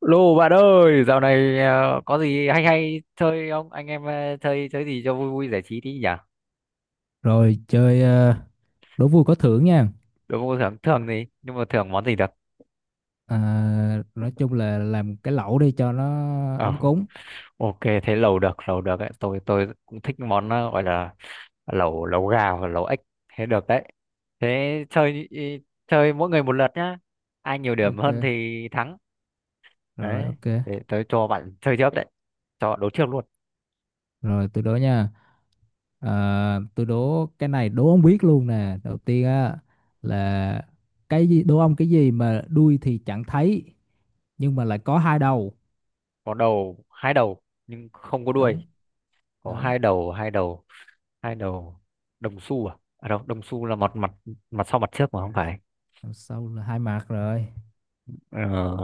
Lô bạn ơi, dạo này có gì hay hay chơi không? Anh em chơi chơi gì cho vui vui giải trí tí nhỉ? Rồi chơi đố vui có thưởng nha. Đối không thường thường thì nhưng mà thường món gì được? À, nói chung là làm cái lẩu đi cho nó Ờ, ấm cúng. ok thế lẩu được đấy. Tôi cũng thích món gọi là lẩu lẩu gà hoặc lẩu ếch, thế được đấy. Thế chơi ý- Chơi mỗi người một lượt nhá. Ai nhiều điểm Ok, hơn thì thắng. Đấy, ok. thế tôi cho bạn chơi trước đấy. Cho đấu trước luôn. Rồi tôi đố nha. À, tôi đố cái này, đố ông biết luôn nè. Đầu tiên á là cái gì, đố ông cái gì mà đuôi thì chẳng thấy nhưng mà lại có hai đầu. Có đầu, hai đầu nhưng không có đuôi. Đúng, Có đúng. hai đầu, hai đầu, hai đầu. Đồng xu à? Đâu, đồng xu là mặt, mặt sau mặt trước mà không phải. Đằng sau là hai mặt rồi. ờ,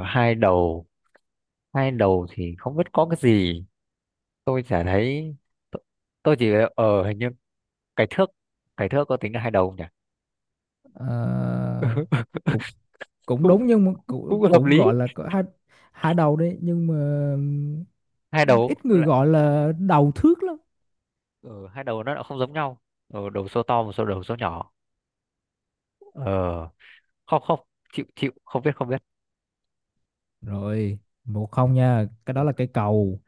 Hai đầu, hai đầu thì không biết có cái gì, tôi chả thấy. t- tôi chỉ, ở hình như cái thước, cái thước có tính là hai đầu không nhỉ? À, cũng cũng cũng đúng nhưng mà cũng, cũng hợp cũng lý. gọi là có hai hai đầu đấy, nhưng mà Hai đầu ít người lại, gọi là đầu thước lắm. ừ, hai đầu nó lại không giống nhau. Ừ, đầu số to, một số đầu số nhỏ. ờ Không, không, chịu chịu không biết. Không Rồi, 1-0 nha, cái đó là cây cầu.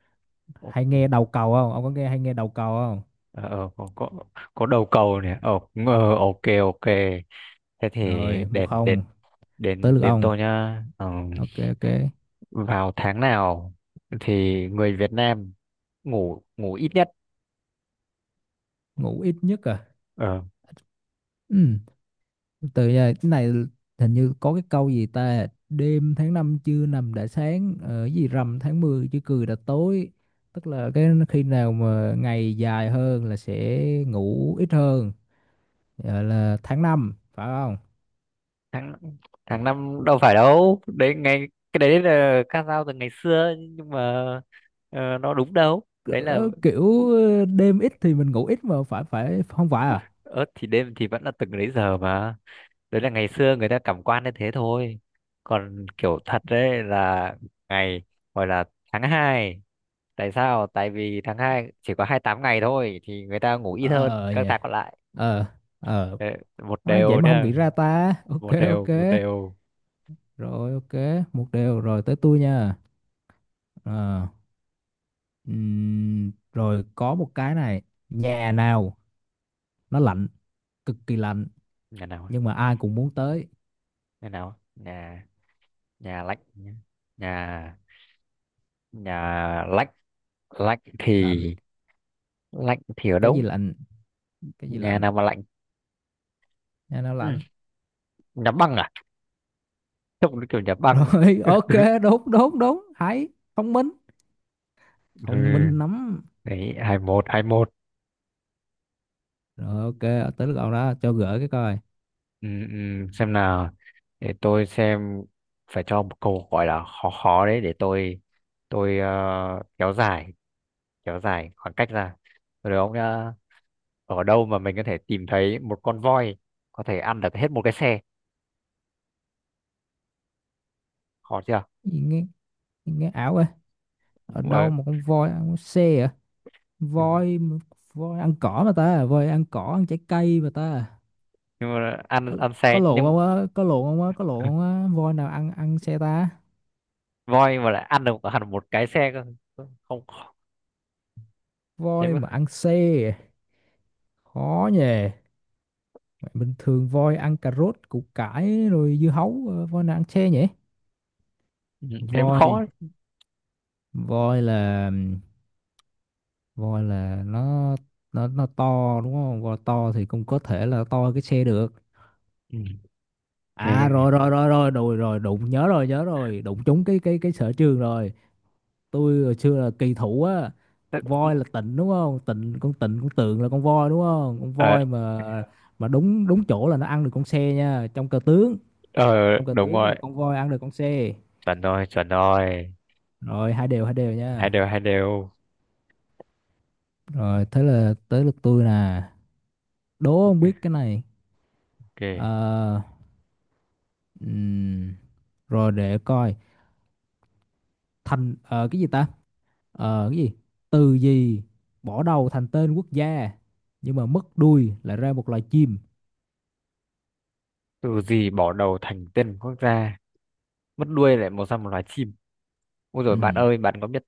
Hay biết. nghe đầu cầu không, ông có nghe hay nghe đầu cầu không? Ờ, có, có đầu cầu này. Ờ ok, ok, thế thì Rồi, một đến đến không, tới đến lượt đến ông. tôi nhá. Ờ, Ok, ok. vào tháng nào thì người Việt Nam ngủ ngủ ít nhất? Ngủ ít nhất à? ờ Ừ. Từ giờ cái này hình như có cái câu gì ta, đêm tháng năm chưa nằm đã sáng, ở gì rằm tháng 10 chưa cười đã tối, tức là cái khi nào mà ngày dài hơn là sẽ ngủ ít hơn, gọi là tháng năm phải không? Tháng, tháng năm đâu phải, đâu đấy ngày. Cái đấy là ca dao từ ngày xưa nhưng mà nó đúng đâu. Đấy là Ờ, kiểu đêm ít thì mình ngủ ít mà phải, phải không, phải à? ớt thì đêm thì vẫn là từng đấy giờ mà. Đấy là ngày xưa người ta cảm quan như thế thôi. Còn kiểu thật đấy là ngày, gọi là tháng hai. Tại sao? Tại vì tháng 2 chỉ có 28 ngày thôi thì người ta ngủ ít hơn Ờ các nhỉ. tháng còn lại. Ờ. Ờ. Đấy, một Má, vậy đều mà không nghĩ nhá. ra ta. Ok, Một ok. đều, một đều. Rồi ok, một điều, rồi tới tôi nha. Ờ. Rồi có một cái này. Nhà nào nó lạnh, cực kỳ lạnh, Nhà nào ấy? nhưng mà ai cũng muốn tới. Nhà nào ấy? Nhà, nhà lạnh nhá. Nhà, nhà lạnh. Lạnh thì, Lạnh, lạnh thì ở cái gì đâu? lạnh, cái gì Nhà lạnh, nào mà lạnh? nhà nào Ừ, lạnh? nhà băng à, trông nó kiểu nhà băng ấy. Rồi ok, đúng đúng đúng, hay, thông minh, thông Ừ. minh lắm. Đấy, hai một, hai một. Rồi ok, tới lúc ông đó cho gỡ cái coi. Ừ, ừ, xem nào, để tôi xem. Phải cho một câu gọi là khó, khó đấy, để tôi kéo dài, kéo dài khoảng cách ra. Rồi ông nhá, ở đâu mà mình có thể tìm thấy một con voi có thể ăn được hết một cái xe? Khó chưa? Gì nghe nghe ảo ấy. Ở Ờ, đâu mà con voi ăn xe à? Voi voi ăn cỏ mà ta, voi ăn cỏ, ăn trái cây mà ta. nhưng mà ăn, có ăn có xe, lộn nhưng không á, có lộn không á, có lộn không á, voi nào ăn ăn xe ta? voi mà lại ăn được hẳn một cái xe cơ, không khó. Thế Voi mới, mà ăn xe à? Khó nhỉ. Mày, bình thường voi ăn cà rốt, củ cải, rồi dưa hấu, voi nào ăn xe nhỉ? ừ, thế mới khó voi đấy. voi là voi là nó, nó to đúng không, voi to thì cũng có thể là to hơn cái xe được. Ừ, À, thế rồi rồi rồi rồi rồi rồi, đụng nhớ rồi, nhớ rồi, đụng trúng cái sở trường rồi. Tôi hồi xưa là kỳ thủ á. tức- Voi là tịnh đúng không, tịnh, con tịnh, con tượng là con voi đúng không, con ờ voi mà. Mà đúng, đúng chỗ là nó ăn được con xe nha, trong cờ tướng. ờ, Trong cờ đúng tướng rồi, là con voi ăn được con xe. chuẩn rồi, chuẩn rồi. Rồi, 2-2, hai đều Hai nha. đều, hai đều. Rồi, thế là tới lượt tôi nè. Đố không biết Ok, cái này. ok. Ờ, ừm, rồi để coi. Thành cái gì ta? Cái gì, từ gì bỏ đầu thành tên quốc gia nhưng mà mất đuôi lại ra một loài chim? Từ gì bỏ đầu thành tên quốc gia, mất đuôi lại mọc ra một loài chim? Ôi rồi bạn Ừm, ơi, bạn có biết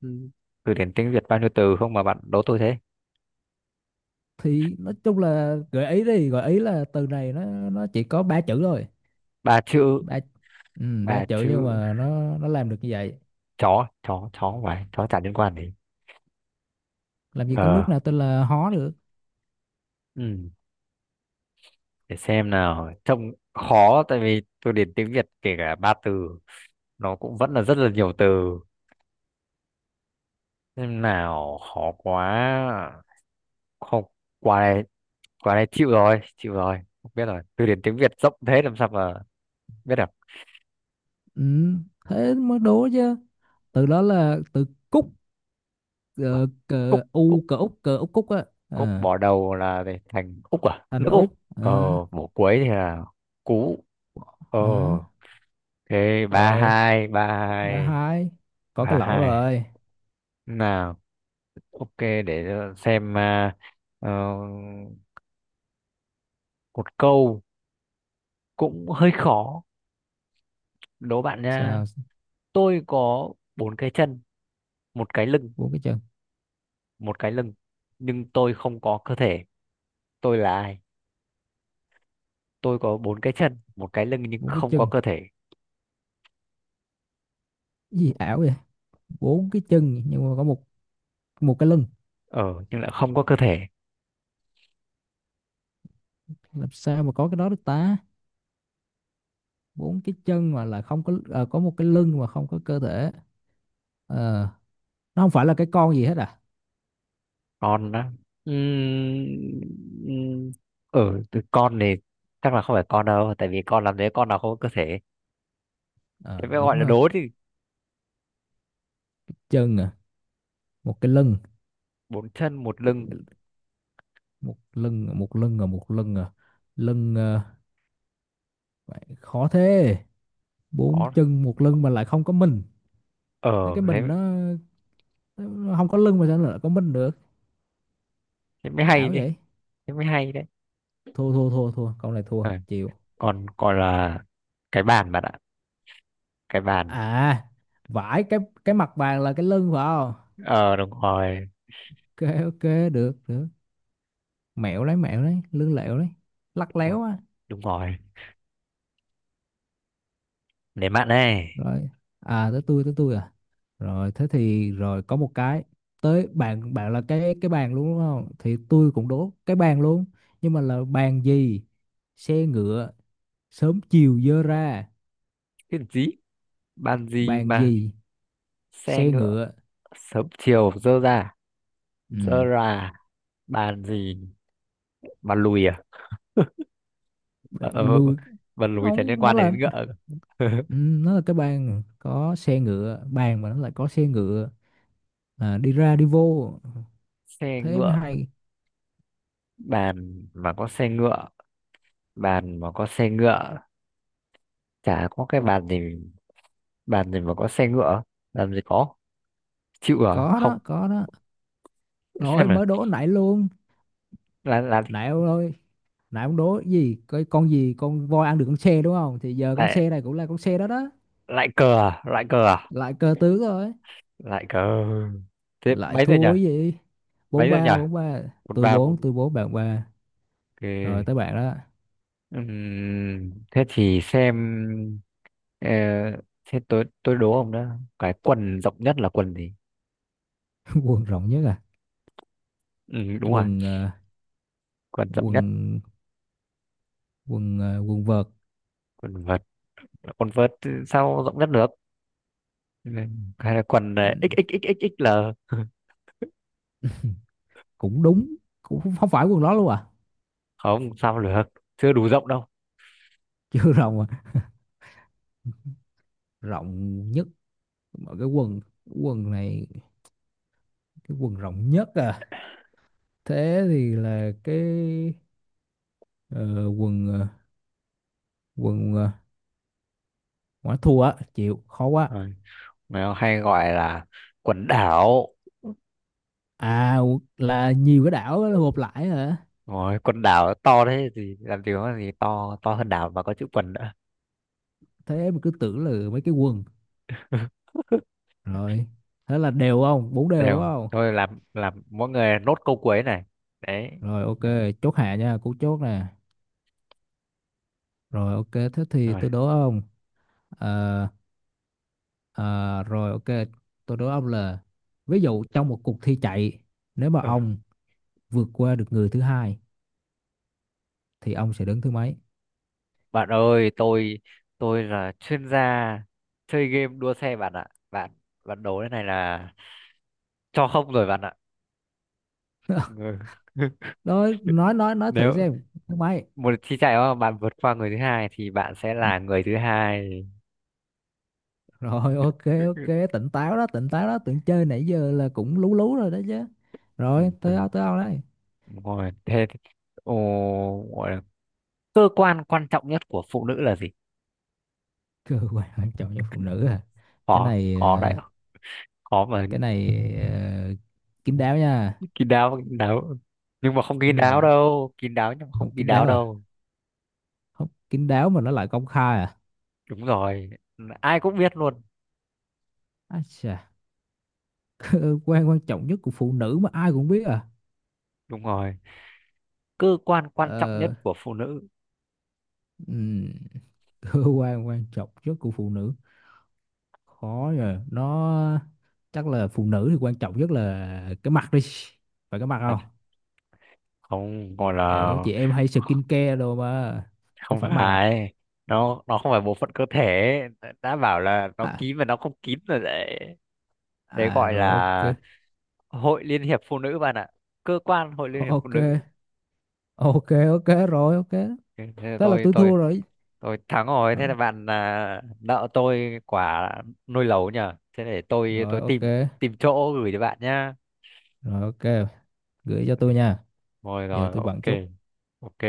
từ điển tiếng Việt bao nhiêu từ không mà bạn đố tôi thế? thì nói chung là gợi ý đi, gợi ý là từ này nó chỉ có ba chữ thôi. Ba chữ, Ba. Ba ba chữ nhưng chữ, mà nó làm được như vậy. chó chó chó, không phải chó, chả liên quan gì. Làm gì có ờ nước nào tên là hó được. ừ, để xem nào, trông khó tại vì từ điển tiếng Việt kể cả ba từ, nó cũng vẫn là rất là nhiều từ. Xem nào, khó quá, không, qua đây, qua đây chịu rồi, chịu rồi không biết rồi. Từ điển tiếng Việt rộng thế làm sao mà biết được? Ừ, thế mới đố chứ. Từ đó là từ Cúc, ờ, Cúc, cờ cúc, U cờ Úc, cờ Úc Cúc á. Cúc Ờ, bỏ đầu là về thành Úc, à thành nước Úc. Úc. Ờ. Ờ, bỏ cuối thì là Cú. Ờ, Ờ. thế ba Rồi, hai, ba ba hai. hai. Có Ba cái lẩu hai, rồi. nào, ok, để xem. À, ờ, một câu cũng hơi khó, đố bạn nha. Sao, Tôi có bốn cái chân, một cái lưng, bốn cái chân, một cái lưng nhưng tôi không có cơ thể, tôi là ai? Tôi có bốn cái chân một cái lưng nhưng bốn cái không có chân. cơ thể. Cái gì ảo vậy? Bốn cái chân nhưng mà có một một cái lưng. Ờ nhưng lại không có cơ thể. Làm sao mà có cái đó được ta? Bốn cái chân mà là không có có một cái lưng mà không có cơ thể. Ờ, nó không phải là cái con gì hết à? Con đó, ừm, ừ, từ con này chắc là không phải con đâu tại vì con làm thế, con nào không có cơ thể. Ờ, Thế mới gọi đúng là ha. đố thì. Chân à, một cái lưng, Bốn chân một lưng. một lưng à, một lưng à, một lưng à, lưng à, khó thế. Bốn Có, chân một lưng mà lại không có mình? Thế ờ, cái thế, mình nó không có lưng mà sao lại có mình được? thế mới hay Ảo đi, vậy. thế mới hay đấy. Thua thua thua thua, câu này thua, Ờ, chịu. còn còn là cái bàn bạn ạ, cái bàn. À, vải, cái mặt bàn là cái lưng phải không? Ờ đúng rồi, Ok ok, được được, mẹo lấy mẹo đấy, lưng lẹo đấy, lắc đúng rồi, léo á. đúng rồi, để bạn này. Rồi, à, tới tôi, tới tôi. À rồi, thế thì, rồi có một cái, tới bạn bạn là cái bàn luôn đúng không, thì tôi cũng đố cái bàn luôn, nhưng mà là bàn gì, xe ngựa sớm chiều dơ ra. Cái gì, bàn gì Bàn mà gì, xe xe ngựa ngựa. sớm chiều dơ ra, dơ Ừ. ra? Bàn gì, bàn lùi à? Ờ, Lùi. bật lùi chả liên Ông nó quan là, đến ngựa. ừ, nó là cái bàn có xe ngựa, bàn mà nó lại có xe ngựa, à, đi ra đi vô, Xe thế mới ngựa, hay. bàn mà có xe ngựa, bàn mà có xe ngựa, chả có cái bàn gì, bàn gì mà có xe ngựa, làm gì có, chịu rồi Có đó, không. có đó. Xem Rồi, này, mới đố nãy luôn. là, Nãy ông ơi, nãy ông đố cái gì, cái con gì, con voi ăn được con xe đúng không, thì giờ con lại, xe này cũng là con xe đó đó. lại cờ à? Lại cờ à? Lại cơ tướng rồi. Lại cờ. Thế Lại mấy rồi nhỉ? thua cái gì. bốn Mấy rồi nhỉ? ba bốn ba. Một tôi ba bốn bốn. tôi bốn bạn ba. Rồi tới Ok. bạn đó. Thế thì xem, ờ, thế tôi đố ông đó, cái quần rộng nhất là quần gì? Quần rộng nhất à? Ừ, đúng rồi, Quần quần rộng nhất. quần quần quần vợt. Quần vợt? Quần vợt thì sao rộng nhất được. Ừ, hay là quần Ừ, XXXXXL? cũng đúng. Cũng không không phải quần đó luôn à? Không sao được, chưa đủ rộng đâu. Chưa rộng à? Rộng nhất mà cái quần quần này, cái quần rộng nhất à? Thế thì là cái ờ, quần quần quả, thua á, chịu, khó quá. Rồi, nó hay gọi là quần đảo. À, là nhiều cái đảo á, gộp lại hả? Rồi quần đảo to thế thì làm gì có gì to to hơn đảo mà có chữ quần nữa. Thế mà cứ tưởng là mấy cái quần. Rồi, thế là đều không, 4-4 đúng Đều không. thôi, làm mỗi người nốt câu cuối này, đấy. Rồi Được. ok, chốt hạ nha, cú chốt nè. Rồi ok, thế thì Rồi. tôi đố ông. Ờ, ờ, rồi ok, tôi đố ông là, ví dụ trong một cuộc thi chạy, nếu mà Ờ, ông vượt qua được người thứ hai thì ông sẽ đứng thứ mấy? bạn ơi, tôi là chuyên gia chơi game đua xe bạn ạ, bạn, bạn đố cái này là cho không rồi bạn ạ. Ừ. Nói thử Nếu xem. Thứ mấy? một chi chạy mà bạn vượt qua người thứ hai thì bạn sẽ Ừ. là người thứ hai. Rồi ok, ok, tỉnh táo đó, tỉnh táo đó, tưởng chơi nãy giờ là cũng lú lú rồi đó chứ. Ừ, Rồi tới thôi, ao, tới ao đấy. ngồi ồ, gọi là cơ quan quan trọng nhất của phụ nữ là gì? Cơ quan quan trọng cho phụ nữ à? Cái Khó, này khó đấy, khó mà. cái này ờ, kín đáo nha. Kín đáo, kín đáo nhưng mà không Cái kín đáo này đâu, kín đáo nhưng mà không không kín kín đáo đáo à? đâu. Không kín đáo mà nó lại công khai à? Đúng rồi, ai cũng biết luôn. Ái chà. Cơ quan quan trọng nhất của phụ nữ mà ai cũng biết à? Đúng rồi, cơ quan quan trọng nhất Ờ. của phụ nữ. ừm, Cơ quan quan trọng nhất của phụ nữ, khó rồi, nó chắc là phụ nữ thì quan trọng nhất là cái mặt đi, phải cái mặt À, không, không, gọi là, kiểu chị em hay skin care đồ mà. Không không phải mặt à? phải, nó không phải bộ phận cơ thể, đã bảo là nó À, kín và nó không kín rồi đấy. Đấy, à gọi rồi ok. là Hội Liên hiệp Phụ nữ bạn ạ, cơ quan Hội Liên hiệp Phụ Ok, nữ. ok, ok, rồi ok, Thế là thế là tôi, tôi tôi thua rồi. tôi thắng rồi, thế là Rồi, bạn à, nợ tôi quả nồi lẩu nhờ, thế để tôi rồi tôi ok, tìm, tìm chỗ gửi cho bạn nhá. rồi ok, gửi cho tôi nha. Rồi, Giờ rồi, tôi ok, bận chút. ok.